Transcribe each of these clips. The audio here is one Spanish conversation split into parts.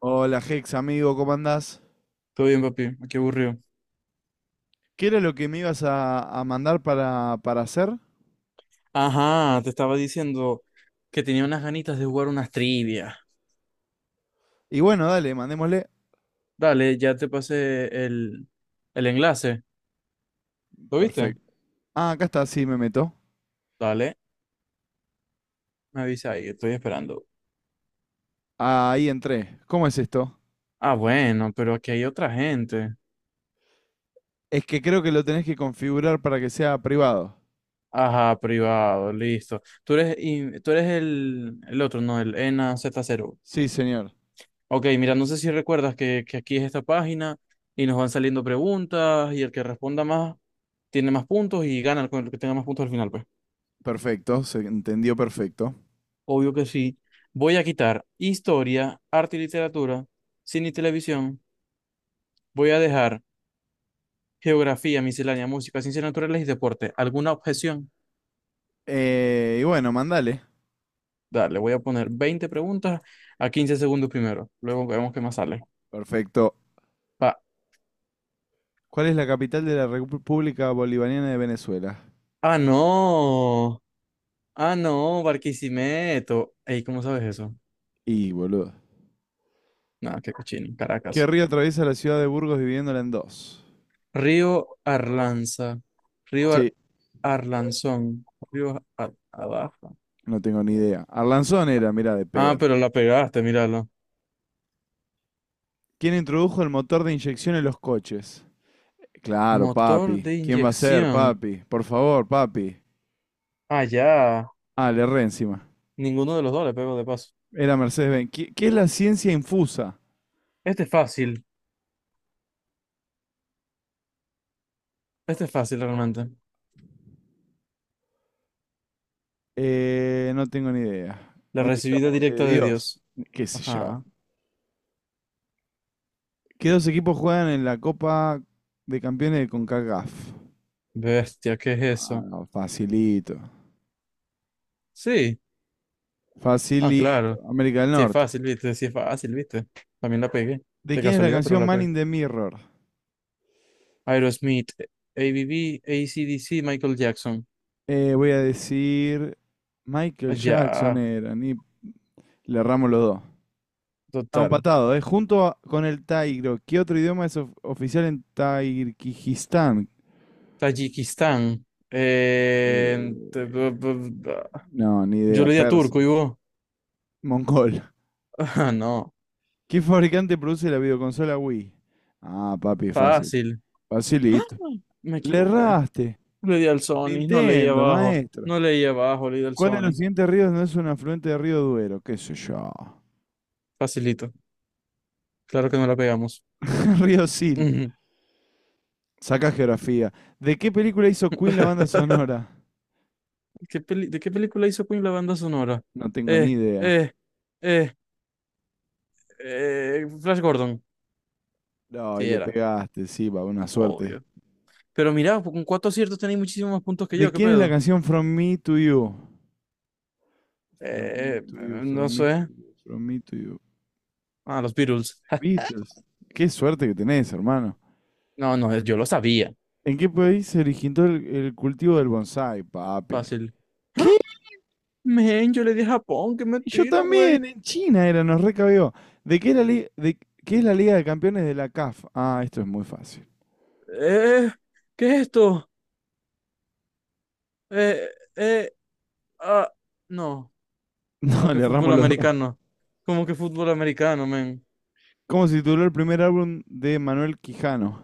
Hola Hex, amigo, ¿cómo andás? Todo bien, papi. Qué aburrido. ¿Qué era lo que me ibas a mandar para hacer? Ajá, te estaba diciendo que tenía unas ganitas de jugar unas trivias. Y bueno, dale, mandémosle. Dale, ya te pasé el enlace. ¿Lo viste? Perfecto. Ah, acá está, sí, me meto. Dale, me avisa ahí, estoy esperando. Ahí entré. ¿Cómo es esto? Ah, bueno, pero aquí hay otra gente. Es que creo que lo tenés que configurar para que sea privado. Ajá, privado, listo. Tú eres el otro, no, el ENAz0 z cero. Sí, señor. Ok, mira, no sé si recuerdas que aquí es esta página y nos van saliendo preguntas, y el que responda más tiene más puntos y gana el con el que tenga más puntos al final, pues. Perfecto, se entendió perfecto. Obvio que sí. Voy a quitar historia, arte y literatura, cine y televisión. Voy a dejar geografía, miscelánea, música, ciencias naturales y deporte. ¿Alguna objeción? Y bueno, mandale. Dale, voy a poner 20 preguntas a 15 segundos primero. Luego vemos qué más sale. Perfecto. Pa- ¿Cuál es la capital de la República Bolivariana de Venezuela? ah, no. Ah, no, Barquisimeto. Ey, ¿cómo sabes eso? Y, boludo. Nada, qué cochino. ¿Qué Caracas. río atraviesa la ciudad de Burgos dividiéndola en dos? Río Arlanza. Río Ar- Sí, Arlanzón. Abajo. no tengo ni idea. Arlanzón era, mira, de Ah, pedo. pero la pegaste, míralo. ¿Quién introdujo el motor de inyección en los coches? Claro, Motor papi. de ¿Quién va a ser, inyección. papi? Por favor, papi. Ah, ya. Ah, le erré encima. Ninguno de los dos le pego de paso. Era Mercedes-Benz. ¿Qué es la ciencia infusa? Este es fácil. Este es fácil realmente. No tengo ni idea. La recibida Directamente de directa de Dios. Dios. ¿Qué sé yo? Ajá. ¿Qué dos equipos juegan en la Copa de Campeones de CONCACAF? Bestia, ¿qué es Ah, eso? no, facilito. Sí. Ah, Facilito. claro. América del Sí es Norte. fácil, viste. Sí es fácil, viste. También la pegué. ¿De De quién es la casualidad, pero canción la Man pegué. in the Mirror? Aerosmith, A B B, A C D C, Michael Jackson. Voy a decir Michael Ah, Jackson ya. era, ni le erramos los dos. Estamos Total. empatados, ¿eh? Con el Tairo. ¿Qué otro idioma es oficial en Tayikistán? Tayikistán. Eh, no, ni Yo idea. le di a Persa. turco y vos. Mongol. Ah, no. ¿Qué fabricante produce la videoconsola Wii? Ah, papi, fácil. Fácil. ¡Ah! Facilito. Me Le equivoqué. erraste. Le di al Sony, no leí Nintendo, abajo. maestro. No leí abajo, le di al ¿Cuál de los Sony. siguientes ríos no es un afluente del río Duero? ¿Qué sé yo? Facilito. Claro que no la pegamos. Río Sil. Ujú. Sacá geografía. ¿De qué película hizo Queen la banda sonora? ¿De qué película hizo Queen la banda sonora? No tengo Eh, ni idea. eh, eh, Flash Gordon. No, y Sí, le era. pegaste, sí, va, una suerte. Obvio. Pero mira, con cuatro aciertos tenéis muchísimos más puntos que ¿De yo, ¿qué quién es la pedo? canción From Me to You? From Me Eh, to You, no From Me to sé. You, From Me to You. Ah, los Beatles. The Beatles. Qué suerte que tenés, hermano. No, no, yo lo sabía. ¿En qué país se originó el cultivo del bonsái, papi? Fácil. ¿Qué? Men, yo le di a Japón, que Yo mentira, güey. también, en China era, nos recabió. ¿De qué es la, li- de, ¿qué es la Liga de Campeones de la CAF? Ah, esto es muy fácil. Eh, ¿Qué es esto? Eh, eh, ah, no, como No, que le fútbol erramos los dos. americano, como que fútbol americano, men. ¿Cómo se tituló el primer álbum de Manuel Quijano?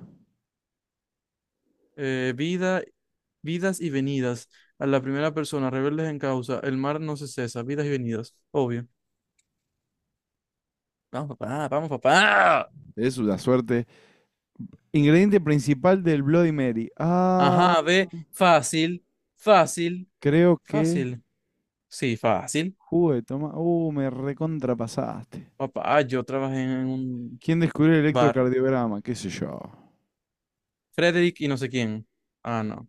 Eh, vida, Vidas y venidas. A la primera persona, rebeldes en causa, el mar no se cesa, vidas y venidas, obvio. Vamos, papá, vamos, papá. Es una suerte. Ingrediente principal del Bloody Mary. Ah, Ajá, ve, fácil, fácil, creo que fácil. Sí, fácil. jugo de toma. Me recontrapasaste. Papá, yo trabajé en un ¿Quién descubrió el bar. electrocardiograma? ¿Qué sé yo? Frederick y no sé quién. Ah, no.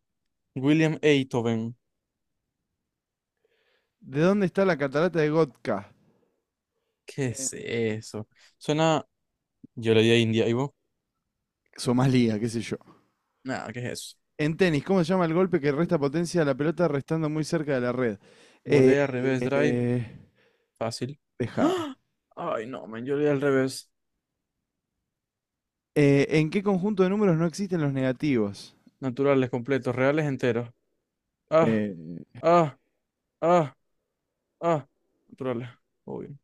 William Einthoven. ¿De dónde está la catarata de Gotka? ¿Qué Eh, es eso? Suena. Yo le di a India, ¿y vos? Somalia, qué sé yo. Nada, ¿qué es eso? En tenis, ¿cómo se llama el golpe que resta potencia a la pelota restando muy cerca de la red? Eh, Volea, revés, drive, eh, fácil. dejada. ¡Ah! Ay, no, man, yo le di al revés. ¿En qué conjunto de números no existen los negativos? Naturales, completos, reales, enteros. Ah, Eh, ah, ah, ah. Naturales, obvio.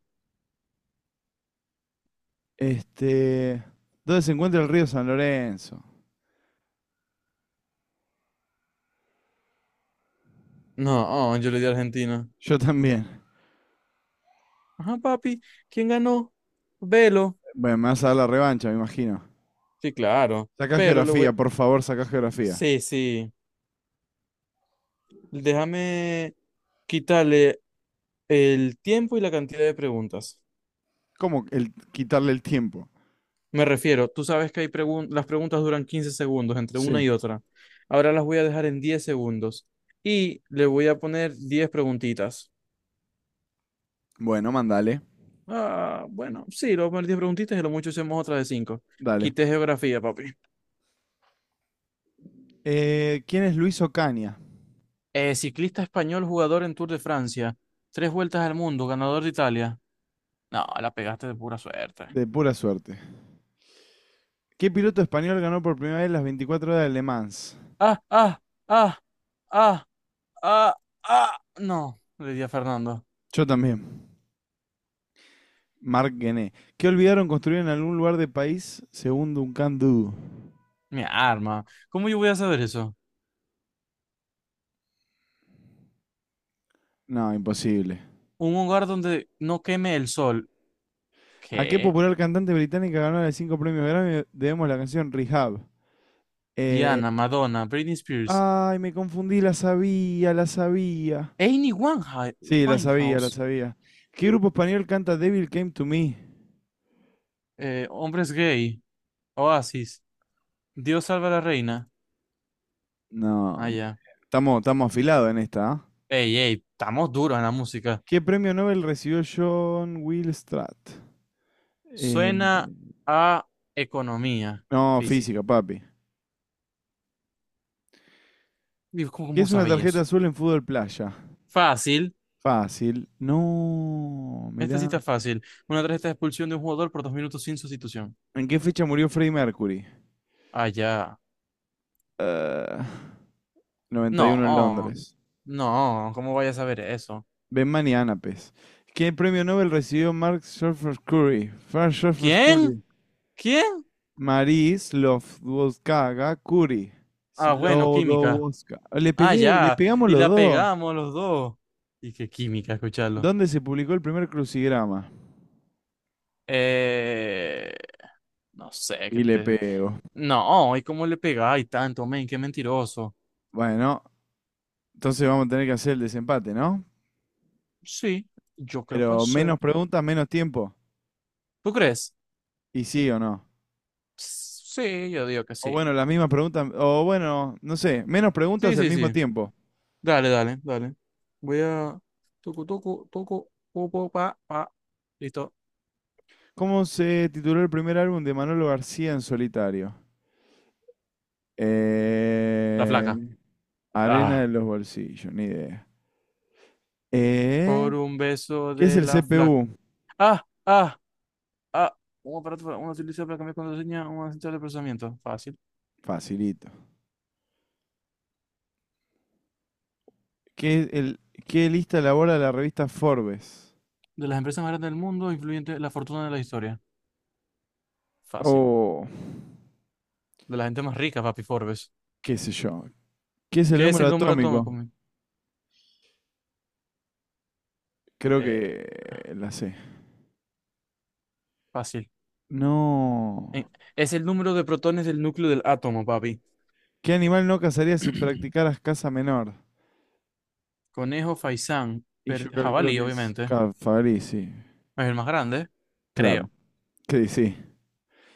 Este, ¿dónde se encuentra el río San Lorenzo? No, ah, yo le di a Argentina. Yo también. Ajá, papi, ¿quién ganó? Velo. Bueno, me vas a dar la revancha, me imagino. Sí, claro, Sacá pero le geografía, voy. por favor, sacá geografía. Sí, sí. Déjame quitarle el tiempo y la cantidad de preguntas. ¿Quitarle el tiempo? Me refiero, tú sabes que hay las preguntas duran 15 segundos entre una Sí. y otra. Ahora las voy a dejar en 10 segundos y le voy a poner 10 preguntitas. Bueno, mandale. Ah, bueno, sí, le voy a poner 10 preguntitas y lo mucho hacemos otra de cinco. Dale. Quité geografía, papi. ¿Quién es Luis Ocaña? Ciclista español, jugador en Tour de Francia. Tres vueltas al mundo, ganador de Italia. No, la pegaste de pura suerte. De pura suerte. ¿Qué piloto español ganó por primera vez las 24 horas de Le Mans? Ah, ah, ah, ah, ah, ah. No, le di a Fernando. Yo también. Marc Guené. ¿Qué olvidaron construir en algún lugar de país según Duncan Du? Mi arma. ¿Cómo yo voy a saber eso? No, imposible. Un hogar donde no queme el sol. ¿A qué ¿Qué? popular cantante británica ganó los cinco premios Grammy? Debemos la canción Rehab. Eh, Diana, Madonna, Britney Spears, ay, me confundí, la sabía, la sabía. Amy Sí, la sabía, la Winehouse. sabía. ¿Qué grupo español canta Devil Came to Me? Hombres gay, Oasis, Dios salva a la reina. No, Ah, ya. estamos afilados en esta, ¿ah? Ey, ey, estamos duros en la música. ¿Qué premio Nobel recibió John Will Stratt? Eh, Suena a economía no, física, física. papi. Digo, ¿Cómo, ¿Qué cómo es una sabéis tarjeta eso? azul en fútbol playa? Fácil. Fácil. No, Esta sí mirá. está fácil. Una tarjeta de expulsión de un jugador por 2 minutos sin sustitución. ¿En qué fecha murió Freddie Mercury? Ah, ya. Eh, 91 en No, Londres. no, ¿cómo vaya a saber eso? Benman y Anapes. ¿Qué premio Nobel recibió Mark Surfer Curry? Mark Surfer ¿Quién? Curry. ¿Quién? Marie Slowdoska Curry. Ah, bueno, química. Slowdoska. Le Ah, pegué, le ya. pegamos Y los la dos. pegamos los dos. Y qué química, escucharlo. ¿Dónde se publicó el primer crucigrama? Eh, no sé, que Y le te... pego. No, ¿y cómo le pegáis tanto, men? Qué mentiroso. Bueno, entonces vamos a tener que hacer el desempate, ¿no? Sí, yo creo que Pero sí. menos preguntas, menos tiempo. ¿Tú crees? ¿Y sí o no? Sí, yo digo que O bueno, sí. las mismas preguntas, o bueno, no sé, menos preguntas Sí, al sí, mismo sí. tiempo. Dale, dale, dale. Voy a... Toco, toco, toco, popo, pa, pa. Listo. ¿Cómo se tituló el primer álbum de Manolo García en solitario? La Eh, flaca. Arena Ah. de los bolsillos, ni idea. Eh, Por un beso ¿Qué es de el la flaca. CPU? Ah, ah. A. Un aparato para una utiliza para cambiar contraseña, un asistente de procesamiento. Fácil. Facilito. ¿Qué, es el, ¿Qué lista elabora la revista Forbes? De las empresas más grandes del mundo, influyente la fortuna de la historia. Fácil. O De la gente más rica, papi Forbes. qué sé yo. ¿Qué es el ¿Qué es número el número atómico? atómico? Men? Creo Eh, que la sé. Fácil. No. Eh, es el número de protones del núcleo del átomo, papi. ¿Qué animal no cazarías si practicaras caza menor? Conejo, faisán, Y yo calculo jabalí, que es obviamente. Cafarí, sí. Es el más grande, Claro. creo. Sí, sí.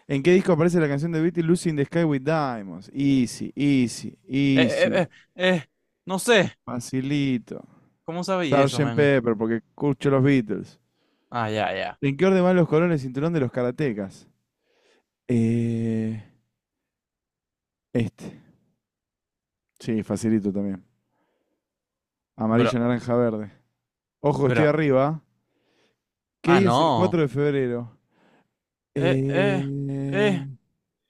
¿En qué disco aparece la canción de Beatles Lucy in the Sky with Diamonds? Easy, easy, Eh, eh, easy. eh, eh, eh, no sé. Facilito. ¿Cómo sabéis eso, Sergeant man? Pepper, porque escucho los Beatles. Ah, ya, ya. ¿En qué orden van los colores del cinturón de los karatecas? Eh, este. Sí, facilito también. Bro, Amarillo, naranja, verde. Ojo, estoy bro. arriba. ¿Qué Ah, día es el no. 4 de febrero? Eh, Eh... eh, eh.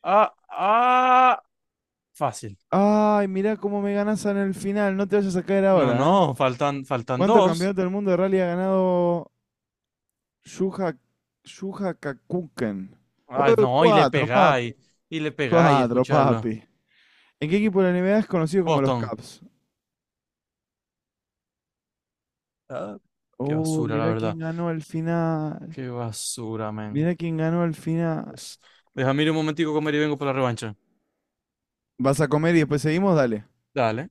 Ah, ah, fácil. Ay, mirá cómo me ganás en el final. No te vayas a caer No, no, ahora, ¿eh? faltan ¿Cuántos dos. campeonatos del mundo de rally ha ganado Shuha, Shuha Kakuken. Ay, Oh, no, cuatro, papi. Y le pegáis, Cuatro, escucharlo. papi. ¿En qué equipo de la NBA es conocido como los Botón. Caps? Ah, qué Oh, basura, la mirá quién verdad. ganó al final. Qué basura, men. Mirá quién ganó al final. Pues, déjame ir un momentico a comer y vengo por la revancha. ¿Vas a comer y después seguimos? Dale. Dale.